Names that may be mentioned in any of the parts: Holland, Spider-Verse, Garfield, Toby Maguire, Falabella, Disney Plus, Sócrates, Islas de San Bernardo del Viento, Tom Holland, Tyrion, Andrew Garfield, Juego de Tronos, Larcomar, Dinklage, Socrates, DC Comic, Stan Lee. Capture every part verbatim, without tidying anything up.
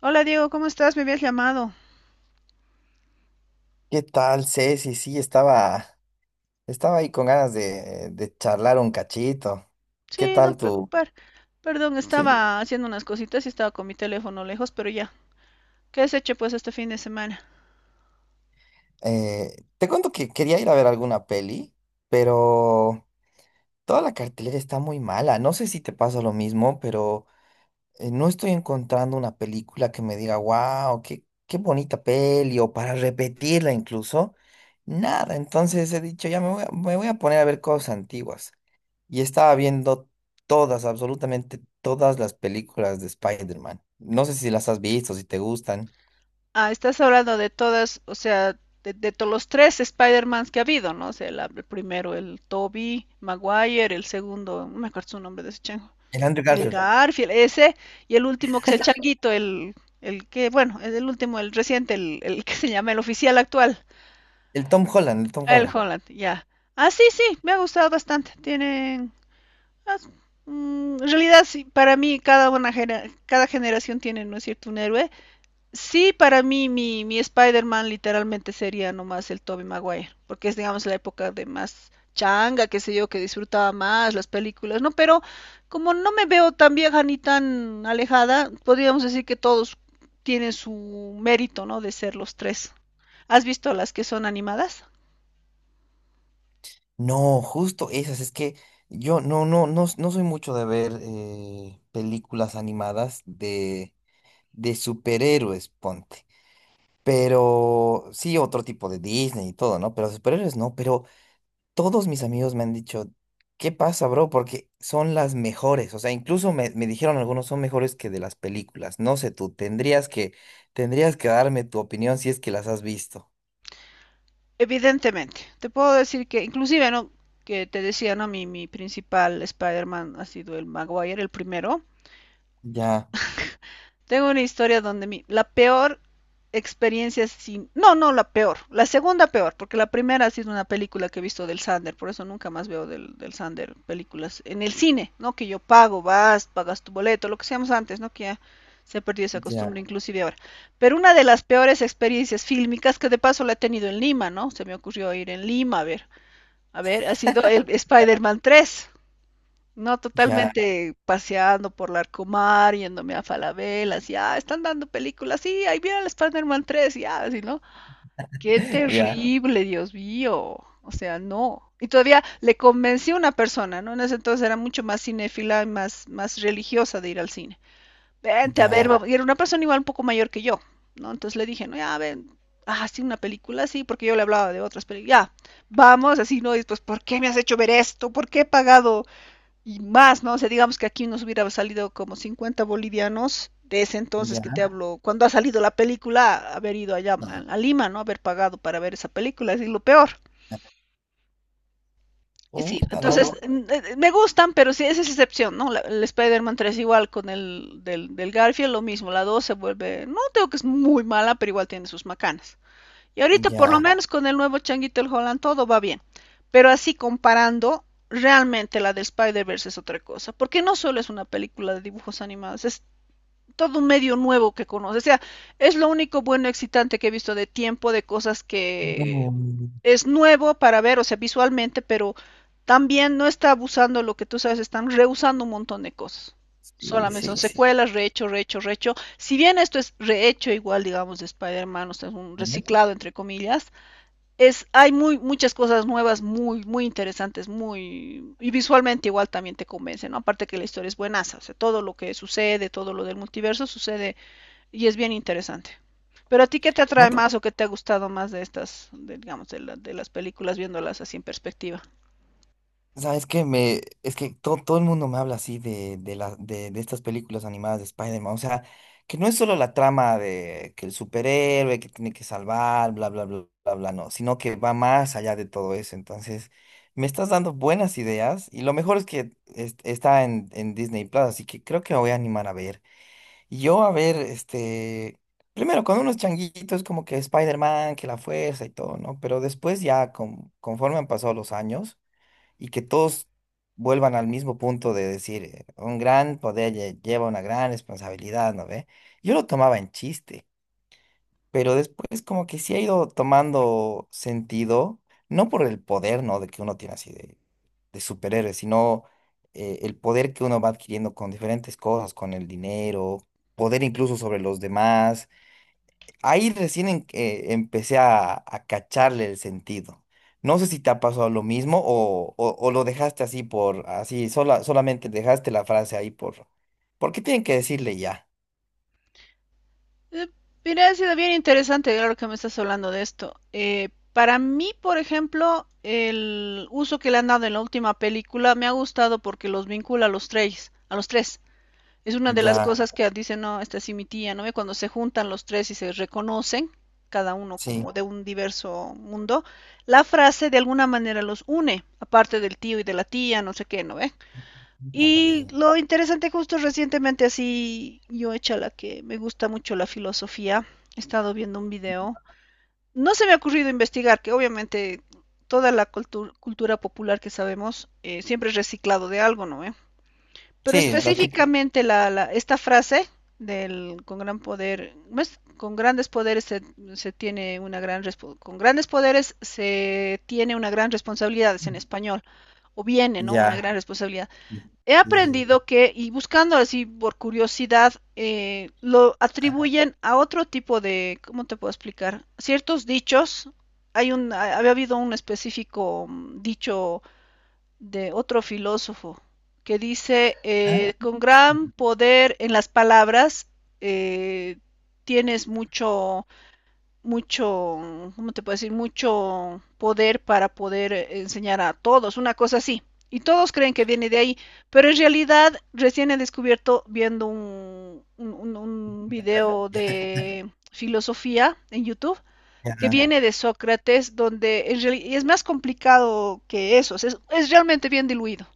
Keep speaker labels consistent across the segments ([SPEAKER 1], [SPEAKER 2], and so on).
[SPEAKER 1] Hola Diego, ¿cómo estás? Me habías llamado.
[SPEAKER 2] ¿Qué tal, Ceci? Sí, estaba, estaba ahí con ganas de, de charlar un cachito. ¿Qué
[SPEAKER 1] Sí,
[SPEAKER 2] tal
[SPEAKER 1] no
[SPEAKER 2] tú?
[SPEAKER 1] preocupar. Perdón,
[SPEAKER 2] Sí.
[SPEAKER 1] estaba haciendo unas cositas y estaba con mi teléfono lejos, pero ya. ¿Qué has hecho pues este fin de semana?
[SPEAKER 2] Eh, te cuento que quería ir a ver alguna peli, pero toda la cartelera está muy mala. No sé si te pasa lo mismo, pero eh, no estoy encontrando una película que me diga, wow, qué, qué bonita peli, o para repetirla incluso. Nada, entonces he dicho, ya me voy a, me voy a poner a ver cosas antiguas. Y estaba viendo todas, absolutamente todas las películas de Spider-Man. No sé si las has visto, si te gustan.
[SPEAKER 1] Ah, estás hablando de todas, o sea, de, de todos los tres Spider-Mans que ha habido, ¿no? O sea, la- el primero, el Toby Maguire, el segundo, no me acuerdo su nombre de ese chango.
[SPEAKER 2] El Andrew
[SPEAKER 1] El
[SPEAKER 2] Garfield,
[SPEAKER 1] Garfield, ese, y el último que es el changuito, el, el que, bueno, es el último, el reciente, el, el que se llama el oficial actual.
[SPEAKER 2] el Tom Holland, el Tom
[SPEAKER 1] El
[SPEAKER 2] Holland.
[SPEAKER 1] Holland, ya. Ah, sí, sí, me ha gustado bastante. Tienen... ah, mm, en realidad, sí, para mí cada, una genera- cada generación tiene, ¿no es cierto?, un héroe. Sí, para mí mi, mi Spider-Man literalmente sería nomás el Tobey Maguire, porque es, digamos, la época de más changa, qué sé yo, que disfrutaba más las películas, ¿no? Pero como no me veo tan vieja ni tan alejada, podríamos decir que todos tienen su mérito, ¿no?, de ser los tres. ¿Has visto las que son animadas?
[SPEAKER 2] No, justo esas, es que yo no, no, no, no soy mucho de ver eh, películas animadas de, de superhéroes, ponte. Pero sí, otro tipo de Disney y todo, ¿no? Pero superhéroes no, pero todos mis amigos me han dicho, ¿qué pasa, bro? Porque son las mejores. O sea, incluso me, me dijeron algunos son mejores que de las películas. No sé tú, tendrías que, tendrías que darme tu opinión si es que las has visto.
[SPEAKER 1] Evidentemente, te puedo decir que inclusive, ¿no? Que te decía, ¿no? Mi, mi principal Spider-Man ha sido el Maguire, el primero.
[SPEAKER 2] Ya,
[SPEAKER 1] Tengo una historia donde mi, la peor experiencia sin... No, no, la peor. La segunda peor, porque la primera ha sido una película que he visto del Sander, por eso nunca más veo del, del Sander películas en el cine, ¿no? Que yo pago, vas, pagas tu boleto, lo que hacíamos antes, ¿no? Que ya se ha perdido esa
[SPEAKER 2] ya,
[SPEAKER 1] costumbre inclusive ahora. Pero una de las peores experiencias fílmicas que de paso la he tenido en Lima, ¿no? Se me ocurrió ir en Lima a ver. A ver, ha sido el Spider-Man tres. No,
[SPEAKER 2] ya,
[SPEAKER 1] totalmente paseando por Larcomar, yéndome a Falabella, así, ah, están dando películas, sí, ahí viene el Spider-Man tres, ya, así, ¿no? Qué
[SPEAKER 2] ya,
[SPEAKER 1] terrible, Dios mío. O sea, no. Y todavía le convencí a una persona, ¿no? En ese entonces era mucho más cinéfila y más, más religiosa de ir al cine vente a ver,
[SPEAKER 2] ya,
[SPEAKER 1] vamos". Y era una persona igual un poco mayor que yo, ¿no? Entonces le dije, no, ya, ven, ah, sí, una película, sí, porque yo le hablaba de otras películas, ya, vamos, así, ¿no? Y pues, ¿por qué me has hecho ver esto? ¿Por qué he pagado y más, ¿no? O sea, digamos que aquí nos hubiera salido como cincuenta bolivianos de ese entonces que te
[SPEAKER 2] ya.
[SPEAKER 1] hablo, cuando ha salido la película, haber ido allá a Lima, ¿no? Haber pagado para ver esa película, es lo peor.
[SPEAKER 2] Ya.
[SPEAKER 1] Y sí,
[SPEAKER 2] Puta, no,
[SPEAKER 1] entonces,
[SPEAKER 2] pues,
[SPEAKER 1] ¿no? Me gustan, pero sí, esa es excepción, ¿no? La, el Spider-Man tres igual con el del, del, Garfield, lo mismo, la dos se vuelve, no digo que es muy mala, pero igual tiene sus macanas. Y ahorita por lo
[SPEAKER 2] ya.
[SPEAKER 1] menos con el nuevo changuito el Holland todo va bien, pero así comparando, realmente la del Spider-Verse es otra cosa, porque no solo es una película de dibujos animados, es todo un medio nuevo que conoces, o sea, es lo único bueno excitante que he visto de tiempo, de cosas que
[SPEAKER 2] No.
[SPEAKER 1] es nuevo para ver, o sea, visualmente, pero también no está abusando lo que tú sabes, están reusando un montón de cosas.
[SPEAKER 2] Sí,
[SPEAKER 1] Solamente son
[SPEAKER 2] sí, sí.
[SPEAKER 1] secuelas, rehecho, rehecho, rehecho. Si bien esto es rehecho igual, digamos, de Spider-Man, o sea, es un
[SPEAKER 2] Ya.
[SPEAKER 1] reciclado, entre comillas, es, hay muy, muchas cosas nuevas, muy, muy interesantes, muy, y visualmente igual también te convence, ¿no? Aparte que la historia es buenaza, o sea, todo lo que sucede, todo lo del multiverso sucede y es bien interesante. Pero a ti, ¿qué te
[SPEAKER 2] ¿No
[SPEAKER 1] atrae
[SPEAKER 2] te
[SPEAKER 1] más o qué te ha gustado más de estas, de, digamos, de, la- de las películas viéndolas así en perspectiva?
[SPEAKER 2] sabes que me, es que todo, todo el mundo me habla así de, de, la, de, de estas películas animadas de Spider-Man. O sea, que no es solo la trama de que el superhéroe que tiene que salvar, bla, bla, bla, bla, bla, no, sino que va más allá de todo eso. Entonces, me estás dando buenas ideas y lo mejor es que es- está en, en Disney Plus, así que creo que me voy a animar a ver. Y yo a ver, este, primero con unos changuitos como que Spider-Man, que la fuerza y todo, ¿no? Pero después ya, con- conforme han pasado los años y que todos vuelvan al mismo punto de decir, eh, un gran poder lle- lleva una gran responsabilidad, ¿no ve? Yo lo tomaba en chiste, pero después como que sí ha ido tomando sentido, no por el poder, ¿no? De que uno tiene así de, de superhéroe, sino eh, el poder que uno va adquiriendo con diferentes cosas, con el dinero, poder incluso sobre los demás. Ahí recién en- eh, empecé a, a cacharle el sentido. No sé si te ha pasado lo mismo o, o- o lo dejaste así por, así, sola, solamente dejaste la frase ahí por, porque tienen que decirle ya.
[SPEAKER 1] Eh, mira, ha sido bien interesante, claro que me estás hablando de esto. Eh, para mí, por ejemplo, el uso que le han dado en la última película me ha gustado porque los vincula a los tres, a los tres. Es una de las Wow.
[SPEAKER 2] Ya,
[SPEAKER 1] Cosas que dice, no, esta sí mi tía, ¿no ve? Cuando se juntan los tres y se reconocen, cada uno
[SPEAKER 2] sí,
[SPEAKER 1] como de un diverso mundo, la frase de alguna manera los une, aparte del tío y de la tía, no sé qué, ¿no ve? Y
[SPEAKER 2] también.
[SPEAKER 1] lo interesante, justo recientemente así, yo hecha la que me gusta mucho la filosofía, he estado viendo un video, no se me ha ocurrido investigar, que obviamente toda la cultu- cultura popular que sabemos eh, siempre es reciclado de algo, ¿no ve? Pero
[SPEAKER 2] Sí, la típica.
[SPEAKER 1] específicamente la, la- esta frase del con gran poder, ¿cómo con grandes poderes se, se tiene una gran con grandes poderes se tiene una gran responsabilidad, es en español, o viene, ¿no? Una
[SPEAKER 2] Ya.
[SPEAKER 1] gran responsabilidad.
[SPEAKER 2] Sí,
[SPEAKER 1] He
[SPEAKER 2] sí, sí.
[SPEAKER 1] aprendido que, y buscando así por curiosidad, eh, lo
[SPEAKER 2] Ah,
[SPEAKER 1] atribuyen a otro tipo de, ¿cómo te puedo explicar? Ciertos dichos. Hay un, había habido un específico mm, dicho de otro filósofo que dice,
[SPEAKER 2] ah,
[SPEAKER 1] eh, con
[SPEAKER 2] ah,
[SPEAKER 1] gran poder en las palabras eh, tienes mucho, mucho, ¿cómo te puedo decir? Mucho poder para poder enseñar a todos, una cosa así. Y todos creen que viene de ahí, pero en realidad recién he descubierto viendo un, un, un video
[SPEAKER 2] ya,
[SPEAKER 1] de filosofía en YouTube que
[SPEAKER 2] ya,
[SPEAKER 1] viene de Sócrates, donde en reali- y es más complicado que eso, es, es realmente bien diluido.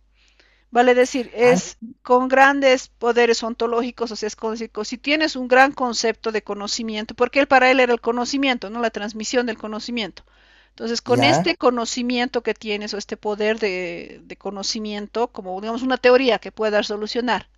[SPEAKER 1] Vale decir,
[SPEAKER 2] ah,
[SPEAKER 1] es con grandes poderes ontológicos, o sea, es como decir, si tienes un gran concepto de conocimiento, porque él para él era el conocimiento, no la transmisión del conocimiento. Entonces, con
[SPEAKER 2] ya,
[SPEAKER 1] este conocimiento que tienes o este poder de, de conocimiento, como digamos una teoría que puedas solucionar,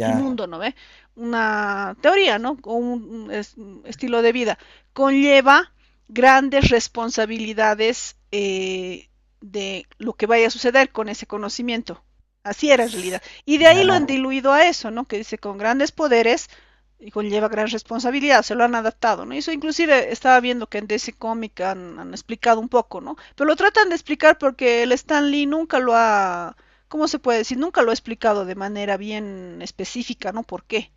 [SPEAKER 1] el mundo, ¿no ve? Una teoría, ¿no? O un, es- un estilo de vida. Conlleva grandes responsabilidades eh, de lo que vaya a suceder con ese conocimiento. Así era en realidad. Y de ahí lo han
[SPEAKER 2] ya,
[SPEAKER 1] diluido a eso, ¿no? Que dice con grandes poderes y conlleva gran responsabilidad, se lo han adaptado, ¿no? Y eso inclusive estaba viendo que en D C Comic han, han explicado un poco, ¿no? Pero lo tratan de explicar porque el Stan Lee nunca lo ha ¿cómo se puede decir? Nunca lo he explicado de manera bien específica, ¿no? ¿Por qué?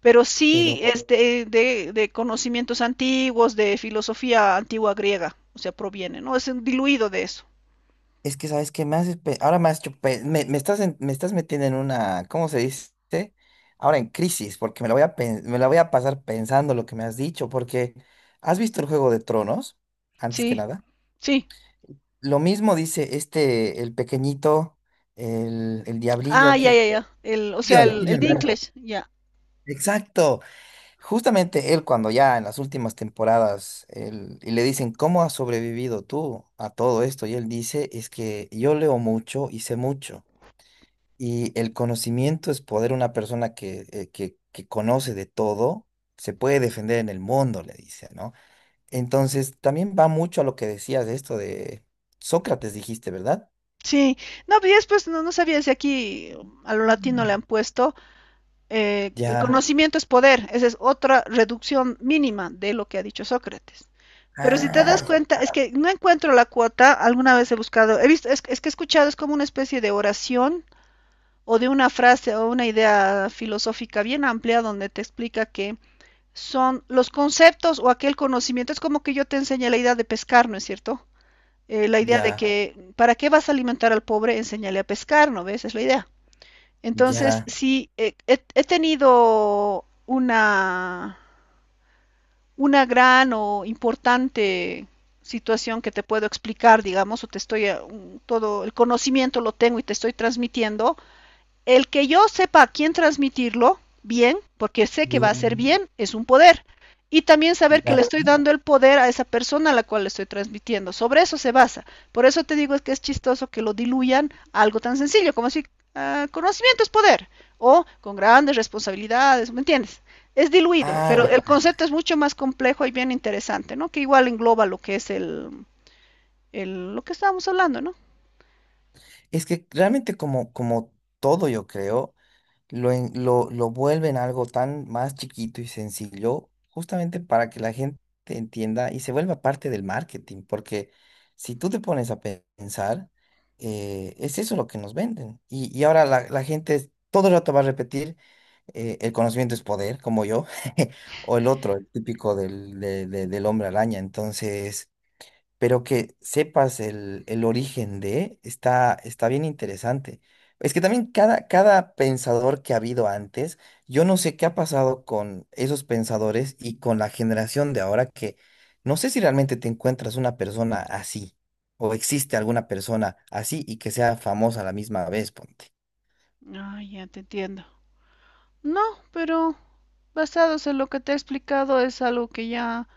[SPEAKER 1] Pero sí
[SPEAKER 2] pero.
[SPEAKER 1] este, de, de conocimientos antiguos, de filosofía antigua griega, o sea, proviene, ¿no? Es un diluido de eso.
[SPEAKER 2] Es que, ¿sabes qué? Me haces pe- Ahora me has hecho pe- Me, me estás en- me estás metiendo en una... ¿Cómo se dice? Ahora en crisis, porque me la voy a, pen- me la voy a pasar pensando lo que me has dicho, porque ¿has visto el Juego de Tronos? Antes que
[SPEAKER 1] Sí,
[SPEAKER 2] nada.
[SPEAKER 1] sí.
[SPEAKER 2] Lo mismo dice este, el pequeñito, el, el
[SPEAKER 1] Ah,
[SPEAKER 2] diablillo
[SPEAKER 1] ya,
[SPEAKER 2] que...
[SPEAKER 1] ya, ya. El, o sea,
[SPEAKER 2] Tyrion,
[SPEAKER 1] el, el
[SPEAKER 2] Tyrion, bueno,
[SPEAKER 1] Dinklage, ya.
[SPEAKER 2] exacto. Justamente él cuando ya en las últimas temporadas él- y le dicen, ¿cómo has sobrevivido tú a todo esto? Y él dice, es que yo leo mucho y sé mucho. Y el conocimiento es poder. Una persona que, eh, que, que conoce de todo se puede defender en el mundo, le dice, ¿no? Entonces, también va mucho a lo que decías de esto de Sócrates, dijiste, ¿verdad?
[SPEAKER 1] Sí, no, pero después no, no sabía si aquí a lo latino le
[SPEAKER 2] Mm.
[SPEAKER 1] han puesto, eh, el
[SPEAKER 2] Ya,
[SPEAKER 1] conocimiento es poder, esa es otra reducción mínima de lo que ha dicho Sócrates. Pero si te das
[SPEAKER 2] ay,
[SPEAKER 1] cuenta, es que no encuentro la cuota, alguna vez he buscado, he visto, es, es que he escuchado, es como una especie de oración o de una frase o una idea filosófica bien amplia donde te explica que son los conceptos o aquel conocimiento, es como que yo te enseñé la idea de pescar, ¿no es cierto? Eh, la idea de
[SPEAKER 2] ya,
[SPEAKER 1] que, ¿para qué vas a alimentar al pobre? Enseñale a pescar, ¿no ves? Es la idea. Entonces,
[SPEAKER 2] ya,
[SPEAKER 1] sí, he, he- he tenido una, una gran o importante situación que te puedo explicar, digamos, o te estoy, eh, un- todo el conocimiento lo tengo y te estoy transmitiendo, el que yo sepa a quién transmitirlo, bien, porque sé que va a ser
[SPEAKER 2] mm,
[SPEAKER 1] bien, es un poder. Y también saber que le
[SPEAKER 2] ya,
[SPEAKER 1] estoy dando el poder a esa persona a la cual le estoy transmitiendo. Sobre eso se basa. Por eso te digo es que es chistoso que lo diluyan a algo tan sencillo como si uh, conocimiento es poder o con grandes responsabilidades, ¿me entiendes? Es diluido,
[SPEAKER 2] ah,
[SPEAKER 1] pero
[SPEAKER 2] ya.
[SPEAKER 1] el concepto es mucho más complejo y bien interesante, ¿no? Que igual engloba lo que es el, el lo que estábamos hablando, ¿no?
[SPEAKER 2] Es que realmente como, como todo, yo creo. lo, en- lo, lo, vuelven algo tan más chiquito y sencillo, justamente para que la gente entienda y se vuelva parte del marketing, porque si tú te pones a pe- pensar, eh, es eso lo que nos venden. Y, y ahora la, la gente es- todo el rato va a repetir, eh, el conocimiento es poder, como yo, o el otro, el típico del, de- de- del hombre araña. Entonces pero que sepas el, el origen de, está, está bien interesante. Es que también cada, cada pensador que ha habido antes, yo no sé qué ha pasado con esos pensadores y con la generación de ahora que no sé si realmente te encuentras una persona así o existe alguna persona así y que sea famosa a la misma vez, ponte.
[SPEAKER 1] Ay, ya te entiendo. No, pero basados en lo que te he explicado es algo que ya,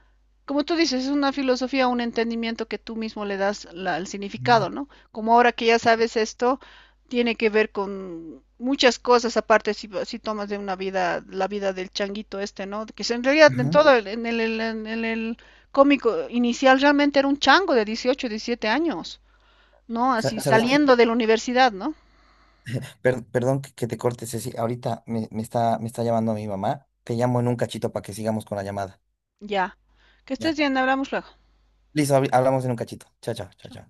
[SPEAKER 1] como tú dices, es una filosofía, un entendimiento que tú mismo le das la- el significado,
[SPEAKER 2] Mm,
[SPEAKER 1] ¿no? Como ahora que ya sabes esto, tiene que ver con muchas cosas, aparte si, si tomas de una vida, la vida del changuito este, ¿no? Que se- en realidad en
[SPEAKER 2] ujú.
[SPEAKER 1] todo, el- en el, en el, en el cómico inicial realmente era un chango de dieciocho, diecisiete años, ¿no? Así
[SPEAKER 2] Sa-
[SPEAKER 1] ajá.
[SPEAKER 2] ¿Sabes qué?
[SPEAKER 1] Saliendo de la universidad, ¿no?
[SPEAKER 2] Per- perdón que que te corte, Ceci. Ahorita me, me está, me está llamando mi mamá. Te llamo en un cachito para que sigamos con la llamada.
[SPEAKER 1] Ya. Que
[SPEAKER 2] Ya.
[SPEAKER 1] estés bien, hablamos luego.
[SPEAKER 2] Listo, habl- hablamos en un cachito. Chao, chao, chao, chao.